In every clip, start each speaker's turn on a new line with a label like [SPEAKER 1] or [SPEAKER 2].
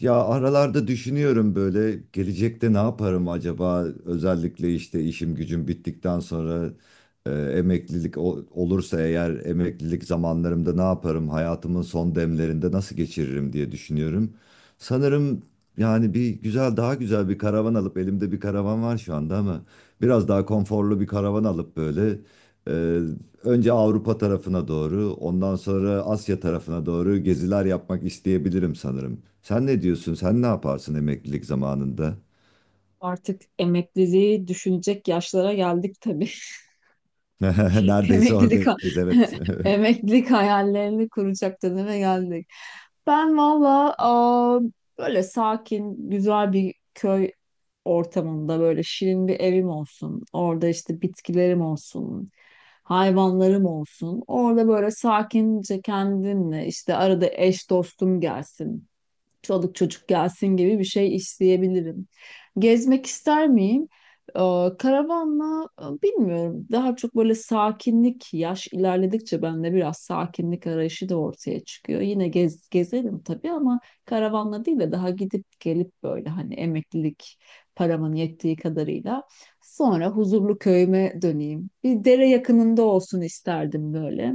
[SPEAKER 1] Ya aralarda düşünüyorum böyle gelecekte ne yaparım acaba, özellikle işte işim gücüm bittikten sonra emeklilik olursa eğer, emeklilik zamanlarımda ne yaparım, hayatımın son demlerinde nasıl geçiririm diye düşünüyorum. Sanırım yani bir güzel daha güzel bir karavan alıp, elimde bir karavan var şu anda ama biraz daha konforlu bir karavan alıp böyle, e, önce Avrupa tarafına doğru, ondan sonra Asya tarafına doğru geziler yapmak isteyebilirim sanırım. Sen ne diyorsun? Sen ne yaparsın emeklilik zamanında?
[SPEAKER 2] Artık emekliliği düşünecek yaşlara geldik tabii.
[SPEAKER 1] Neredeyse
[SPEAKER 2] Emeklilik ha-
[SPEAKER 1] oradayız, evet.
[SPEAKER 2] Emeklilik hayallerini kuracak döneme geldik. Ben valla böyle sakin, güzel bir köy ortamında böyle şirin bir evim olsun. Orada işte bitkilerim olsun, hayvanlarım olsun. Orada böyle sakince kendimle işte arada eş dostum gelsin, çoluk çocuk gelsin gibi bir şey isteyebilirim. Gezmek ister miyim? Ee, Karavanla bilmiyorum. Daha çok böyle sakinlik, yaş ilerledikçe bende biraz sakinlik arayışı da ortaya çıkıyor. Yine gezerim tabii ama karavanla değil de daha gidip gelip, böyle hani emeklilik paramın yettiği kadarıyla, sonra huzurlu köyüme döneyim. Bir dere yakınında olsun isterdim, böyle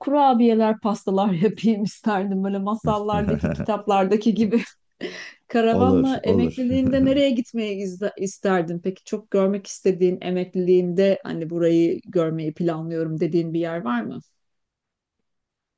[SPEAKER 2] kurabiyeler, pastalar yapayım isterdim. Böyle masallardaki, kitaplardaki gibi.
[SPEAKER 1] Olur,
[SPEAKER 2] Karavanla
[SPEAKER 1] olur.
[SPEAKER 2] emekliliğinde nereye gitmeyi isterdin? Peki çok görmek istediğin emekliliğinde, hani burayı görmeyi planlıyorum dediğin bir yer var mı?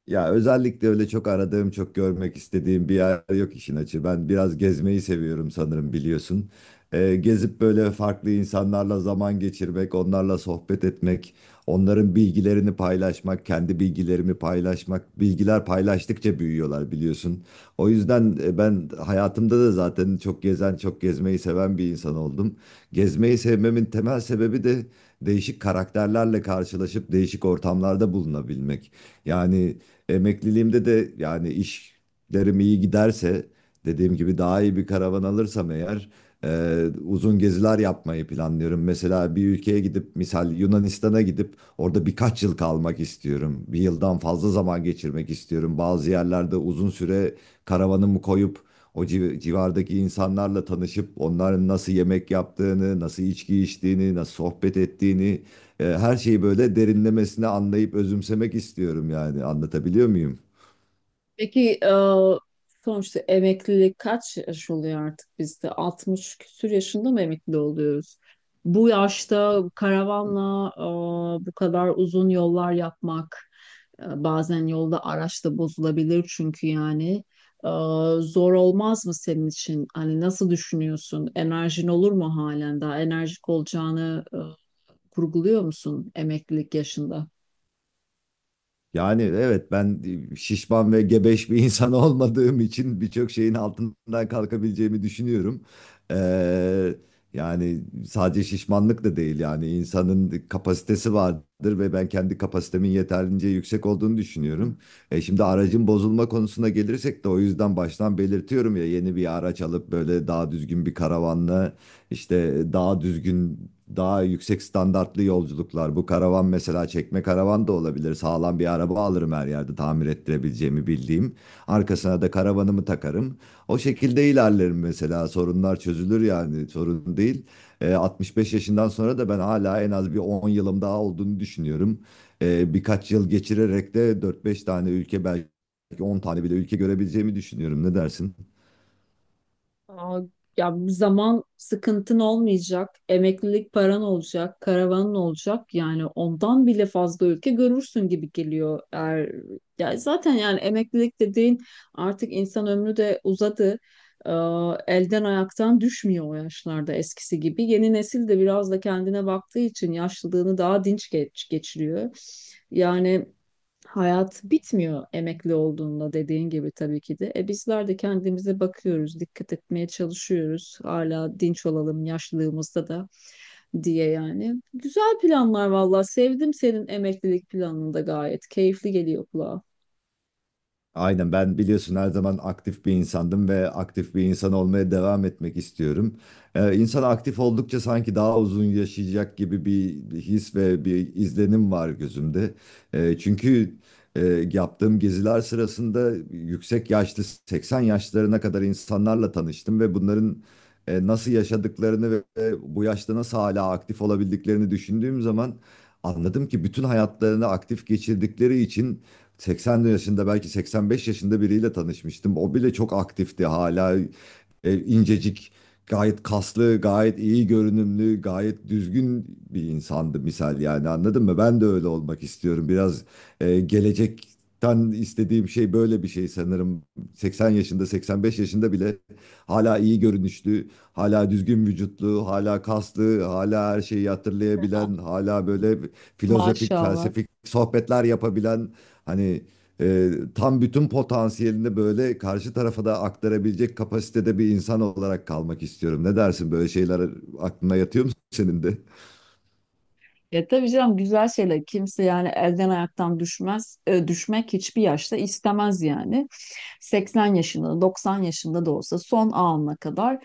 [SPEAKER 1] Ya özellikle öyle çok aradığım, çok görmek istediğim bir yer yok işin açığı. Ben biraz gezmeyi seviyorum sanırım, biliyorsun. Gezip böyle farklı insanlarla zaman geçirmek, onlarla sohbet etmek, onların bilgilerini paylaşmak, kendi bilgilerimi paylaşmak. Bilgiler paylaştıkça büyüyorlar, biliyorsun. O yüzden ben hayatımda da zaten çok gezen, çok gezmeyi seven bir insan oldum. Gezmeyi sevmemin temel sebebi de değişik karakterlerle karşılaşıp değişik ortamlarda bulunabilmek. Yani emekliliğimde de, yani işlerim iyi giderse, dediğim gibi daha iyi bir karavan alırsam eğer, uzun geziler yapmayı planlıyorum. Mesela bir ülkeye gidip, misal Yunanistan'a gidip orada birkaç yıl kalmak istiyorum. Bir yıldan fazla zaman geçirmek istiyorum. Bazı yerlerde uzun süre karavanımı koyup civardaki insanlarla tanışıp, onların nasıl yemek yaptığını, nasıl içki içtiğini, nasıl sohbet ettiğini, her şeyi böyle derinlemesine anlayıp özümsemek istiyorum yani. Anlatabiliyor muyum?
[SPEAKER 2] Peki sonuçta emeklilik kaç yaş oluyor artık bizde? 60 küsur yaşında mı emekli oluyoruz? Bu yaşta karavanla bu kadar uzun yollar yapmak, bazen yolda araç da bozulabilir çünkü yani. E, Zor olmaz mı senin için? Hani nasıl düşünüyorsun? Enerjin olur mu halen daha? Enerjik olacağını kurguluyor musun emeklilik yaşında?
[SPEAKER 1] Yani evet, ben şişman ve gebeş bir insan olmadığım için birçok şeyin altından kalkabileceğimi düşünüyorum. E, Yani sadece şişmanlık da değil, yani insanın kapasitesi vardır ve ben kendi kapasitemin yeterince yüksek olduğunu düşünüyorum. E, şimdi aracın bozulma konusuna gelirsek de, o yüzden baştan belirtiyorum ya, yeni bir araç alıp böyle daha düzgün bir karavanla, İşte daha düzgün, daha yüksek standartlı yolculuklar. Bu karavan mesela çekme karavan da olabilir. Sağlam bir araba alırım her yerde tamir ettirebileceğimi bildiğim. Arkasına da karavanımı takarım. O şekilde ilerlerim mesela. Sorunlar çözülür, yani sorun değil. 65 yaşından sonra da ben hala en az bir 10 yılım daha olduğunu düşünüyorum. Birkaç yıl geçirerek de 4-5 tane ülke, belki 10 tane bile ülke görebileceğimi düşünüyorum. Ne dersin?
[SPEAKER 2] Aa, Ya zaman sıkıntın olmayacak, emeklilik paran olacak, karavanın olacak. Yani ondan bile fazla ülke görürsün gibi geliyor. Eğer, ya zaten yani emeklilik dediğin, artık insan ömrü de uzadı. Ee, Elden ayaktan düşmüyor o yaşlarda eskisi gibi. Yeni nesil de biraz da kendine baktığı için yaşlılığını daha dinç geçiriyor. Yani hayat bitmiyor emekli olduğunda, dediğin gibi tabii ki de. Bizler de kendimize bakıyoruz, dikkat etmeye çalışıyoruz. Hala dinç olalım yaşlılığımızda da diye yani. Güzel planlar valla. Sevdim senin emeklilik planını da gayet. Keyifli geliyor kulağa.
[SPEAKER 1] Aynen, ben biliyorsun her zaman aktif bir insandım ve aktif bir insan olmaya devam etmek istiyorum. İnsan aktif oldukça sanki daha uzun yaşayacak gibi bir his ve bir izlenim var gözümde. Çünkü e, yaptığım geziler sırasında yüksek yaşlı 80 yaşlarına kadar insanlarla tanıştım ve bunların nasıl yaşadıklarını ve bu yaşta nasıl hala aktif olabildiklerini düşündüğüm zaman, anladım ki bütün hayatlarını aktif geçirdikleri için 80 yaşında, belki 85 yaşında biriyle tanışmıştım. O bile çok aktifti hala, incecik, gayet kaslı, gayet iyi görünümlü, gayet düzgün bir insandı misal, yani anladın mı? Ben de öyle olmak istiyorum. Biraz gelecekten istediğim şey böyle bir şey sanırım. 80 yaşında, 85 yaşında bile hala iyi görünüşlü, hala düzgün vücutlu, hala kaslı, hala her şeyi hatırlayabilen, hala böyle filozofik,
[SPEAKER 2] Maşallah.
[SPEAKER 1] felsefik sohbetler yapabilen, hani, tam bütün potansiyelini böyle karşı tarafa da aktarabilecek kapasitede bir insan olarak kalmak istiyorum. Ne dersin, böyle şeyler aklına yatıyor mu senin de?
[SPEAKER 2] Ya tabii canım, güzel şeyler. Kimse yani elden ayaktan düşmez. Düşmek hiçbir yaşta istemez yani. Seksen yaşında, 90 yaşında da olsa son anına kadar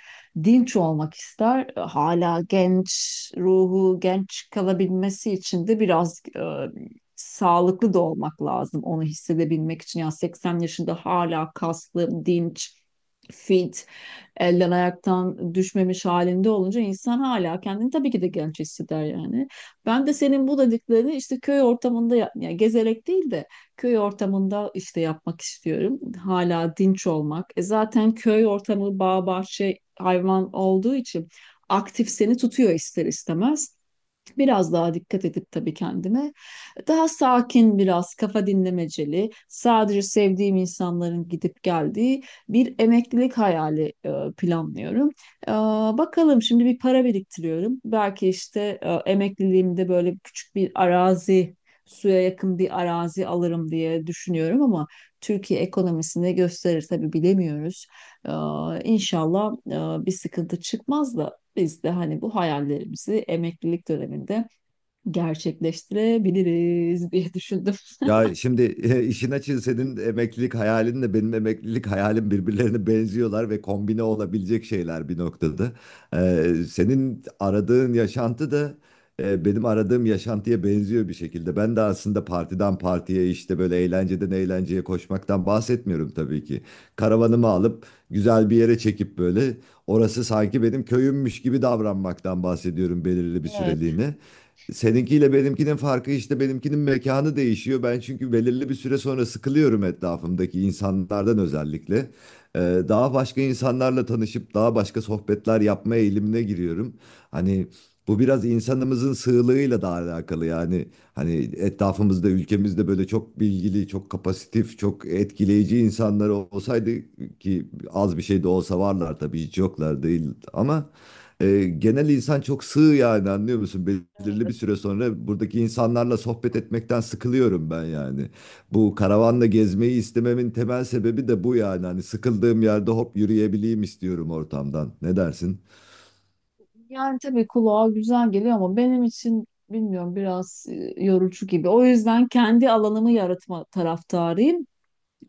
[SPEAKER 2] dinç olmak ister. Hala genç ruhu, genç kalabilmesi için de biraz sağlıklı da olmak lazım onu hissedebilmek için. Yani 80 yaşında hala kaslı, dinç, fit, elden ayaktan düşmemiş halinde olunca insan hala kendini tabii ki de genç hisseder yani. Ben de senin bu dediklerini işte köy ortamında yani gezerek değil de köy ortamında işte yapmak istiyorum. Hala dinç olmak. E zaten köy ortamı bağ bahçe hayvan olduğu için aktif seni tutuyor ister istemez. Biraz daha dikkat edip tabii kendime. Daha sakin biraz, kafa dinlemeceli, sadece sevdiğim insanların gidip geldiği bir emeklilik hayali planlıyorum. E, Bakalım, şimdi bir para biriktiriyorum. Belki işte emekliliğimde böyle küçük bir arazi, suya yakın bir arazi alırım diye düşünüyorum ama Türkiye ekonomisini gösterir tabii, bilemiyoruz. E, İnşallah bir sıkıntı çıkmaz da biz de hani bu hayallerimizi emeklilik döneminde gerçekleştirebiliriz diye düşündüm.
[SPEAKER 1] Ya şimdi işin açığı senin emeklilik hayalinle benim emeklilik hayalim birbirlerine benziyorlar ve kombine olabilecek şeyler bir noktada. Senin aradığın yaşantı da benim aradığım yaşantıya benziyor bir şekilde. Ben de aslında partiden partiye, işte böyle eğlenceden eğlenceye koşmaktan bahsetmiyorum tabii ki. Karavanımı alıp güzel bir yere çekip, böyle orası sanki benim köyümmüş gibi davranmaktan bahsediyorum belirli bir
[SPEAKER 2] Evet,
[SPEAKER 1] süreliğine. Seninkiyle benimkinin farkı işte, benimkinin mekanı değişiyor. Ben çünkü belirli bir süre sonra sıkılıyorum etrafımdaki insanlardan, özellikle. Ee, Daha başka insanlarla tanışıp daha başka sohbetler yapma eğilimine giriyorum. Hani bu biraz insanımızın sığlığıyla da alakalı yani. Hani etrafımızda, ülkemizde böyle çok bilgili, çok kapasitif, çok etkileyici insanlar olsaydı, ki az bir şey de olsa varlar tabii, hiç yoklar değil, ama genel insan çok sığ, yani anlıyor musun? Belirli bir
[SPEAKER 2] evet.
[SPEAKER 1] süre sonra buradaki insanlarla sohbet etmekten sıkılıyorum ben yani. Bu karavanla gezmeyi istememin temel sebebi de bu yani. Hani sıkıldığım yerde hop yürüyebileyim istiyorum ortamdan. Ne dersin?
[SPEAKER 2] Yani tabii kulağa güzel geliyor ama benim için bilmiyorum, biraz yorucu gibi. O yüzden kendi alanımı yaratma taraftarıyım.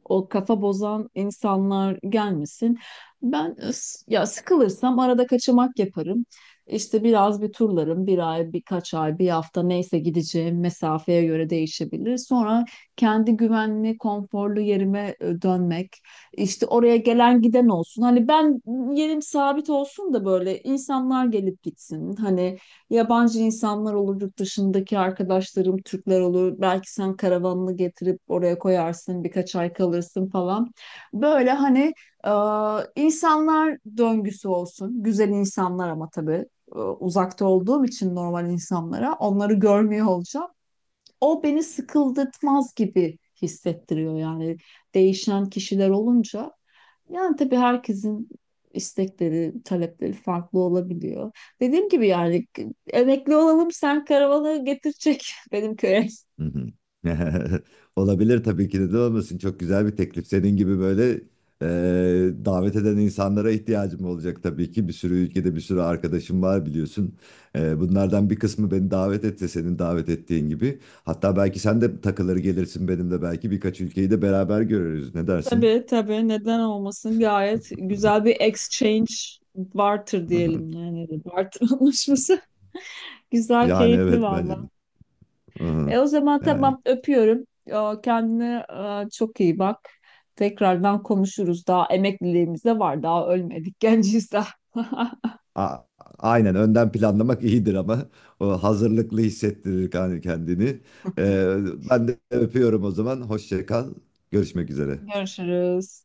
[SPEAKER 2] O kafa bozan insanlar gelmesin. Ben ya sıkılırsam arada kaçamak yaparım. İşte biraz bir turlarım, bir ay, birkaç ay, bir hafta, neyse gideceğim mesafeye göre değişebilir. Sonra kendi güvenli, konforlu yerime dönmek. İşte oraya gelen giden olsun. Hani ben yerim sabit olsun da böyle insanlar gelip gitsin. Hani yabancı insanlar olur, yurt dışındaki arkadaşlarım Türkler olur. Belki sen karavanını getirip oraya koyarsın, birkaç ay kalırsın falan. Böyle hani insanlar döngüsü olsun. Güzel insanlar ama tabii uzakta olduğum için normal insanlara, onları görmüyor olacağım. O beni sıkıldırtmaz gibi hissettiriyor yani, değişen kişiler olunca. Yani tabii herkesin istekleri, talepleri farklı olabiliyor. Dediğim gibi yani emekli olalım, sen karavanı getirecek benim köye.
[SPEAKER 1] Hı hı. Olabilir tabii ki, neden olmasın. Çok güzel bir teklif. Senin gibi böyle davet eden insanlara ihtiyacım olacak tabii ki. Bir sürü ülkede bir sürü arkadaşım var, biliyorsun. E, bunlardan bir kısmı beni davet etse, senin davet ettiğin gibi. Hatta belki sen de takılır gelirsin benimle, belki birkaç ülkeyi de beraber görürüz. Ne dersin?
[SPEAKER 2] Tabii tabii, neden olmasın, gayet güzel bir exchange, barter diyelim yani, barter anlaşması. Güzel,
[SPEAKER 1] Yani
[SPEAKER 2] keyifli
[SPEAKER 1] evet, bence
[SPEAKER 2] valla.
[SPEAKER 1] de. Hı hı.
[SPEAKER 2] O zaman
[SPEAKER 1] Yani.
[SPEAKER 2] tamam, öpüyorum. Kendine çok iyi bak. Tekrardan konuşuruz. Daha emekliliğimiz de var. Daha ölmedik, genciyiz daha.
[SPEAKER 1] A- Aynen, önden planlamak iyidir ama o hazırlıklı hissettirir kendini. Ee, Ben de öpüyorum o zaman. Hoşça kal. Görüşmek üzere.
[SPEAKER 2] Görüşürüz.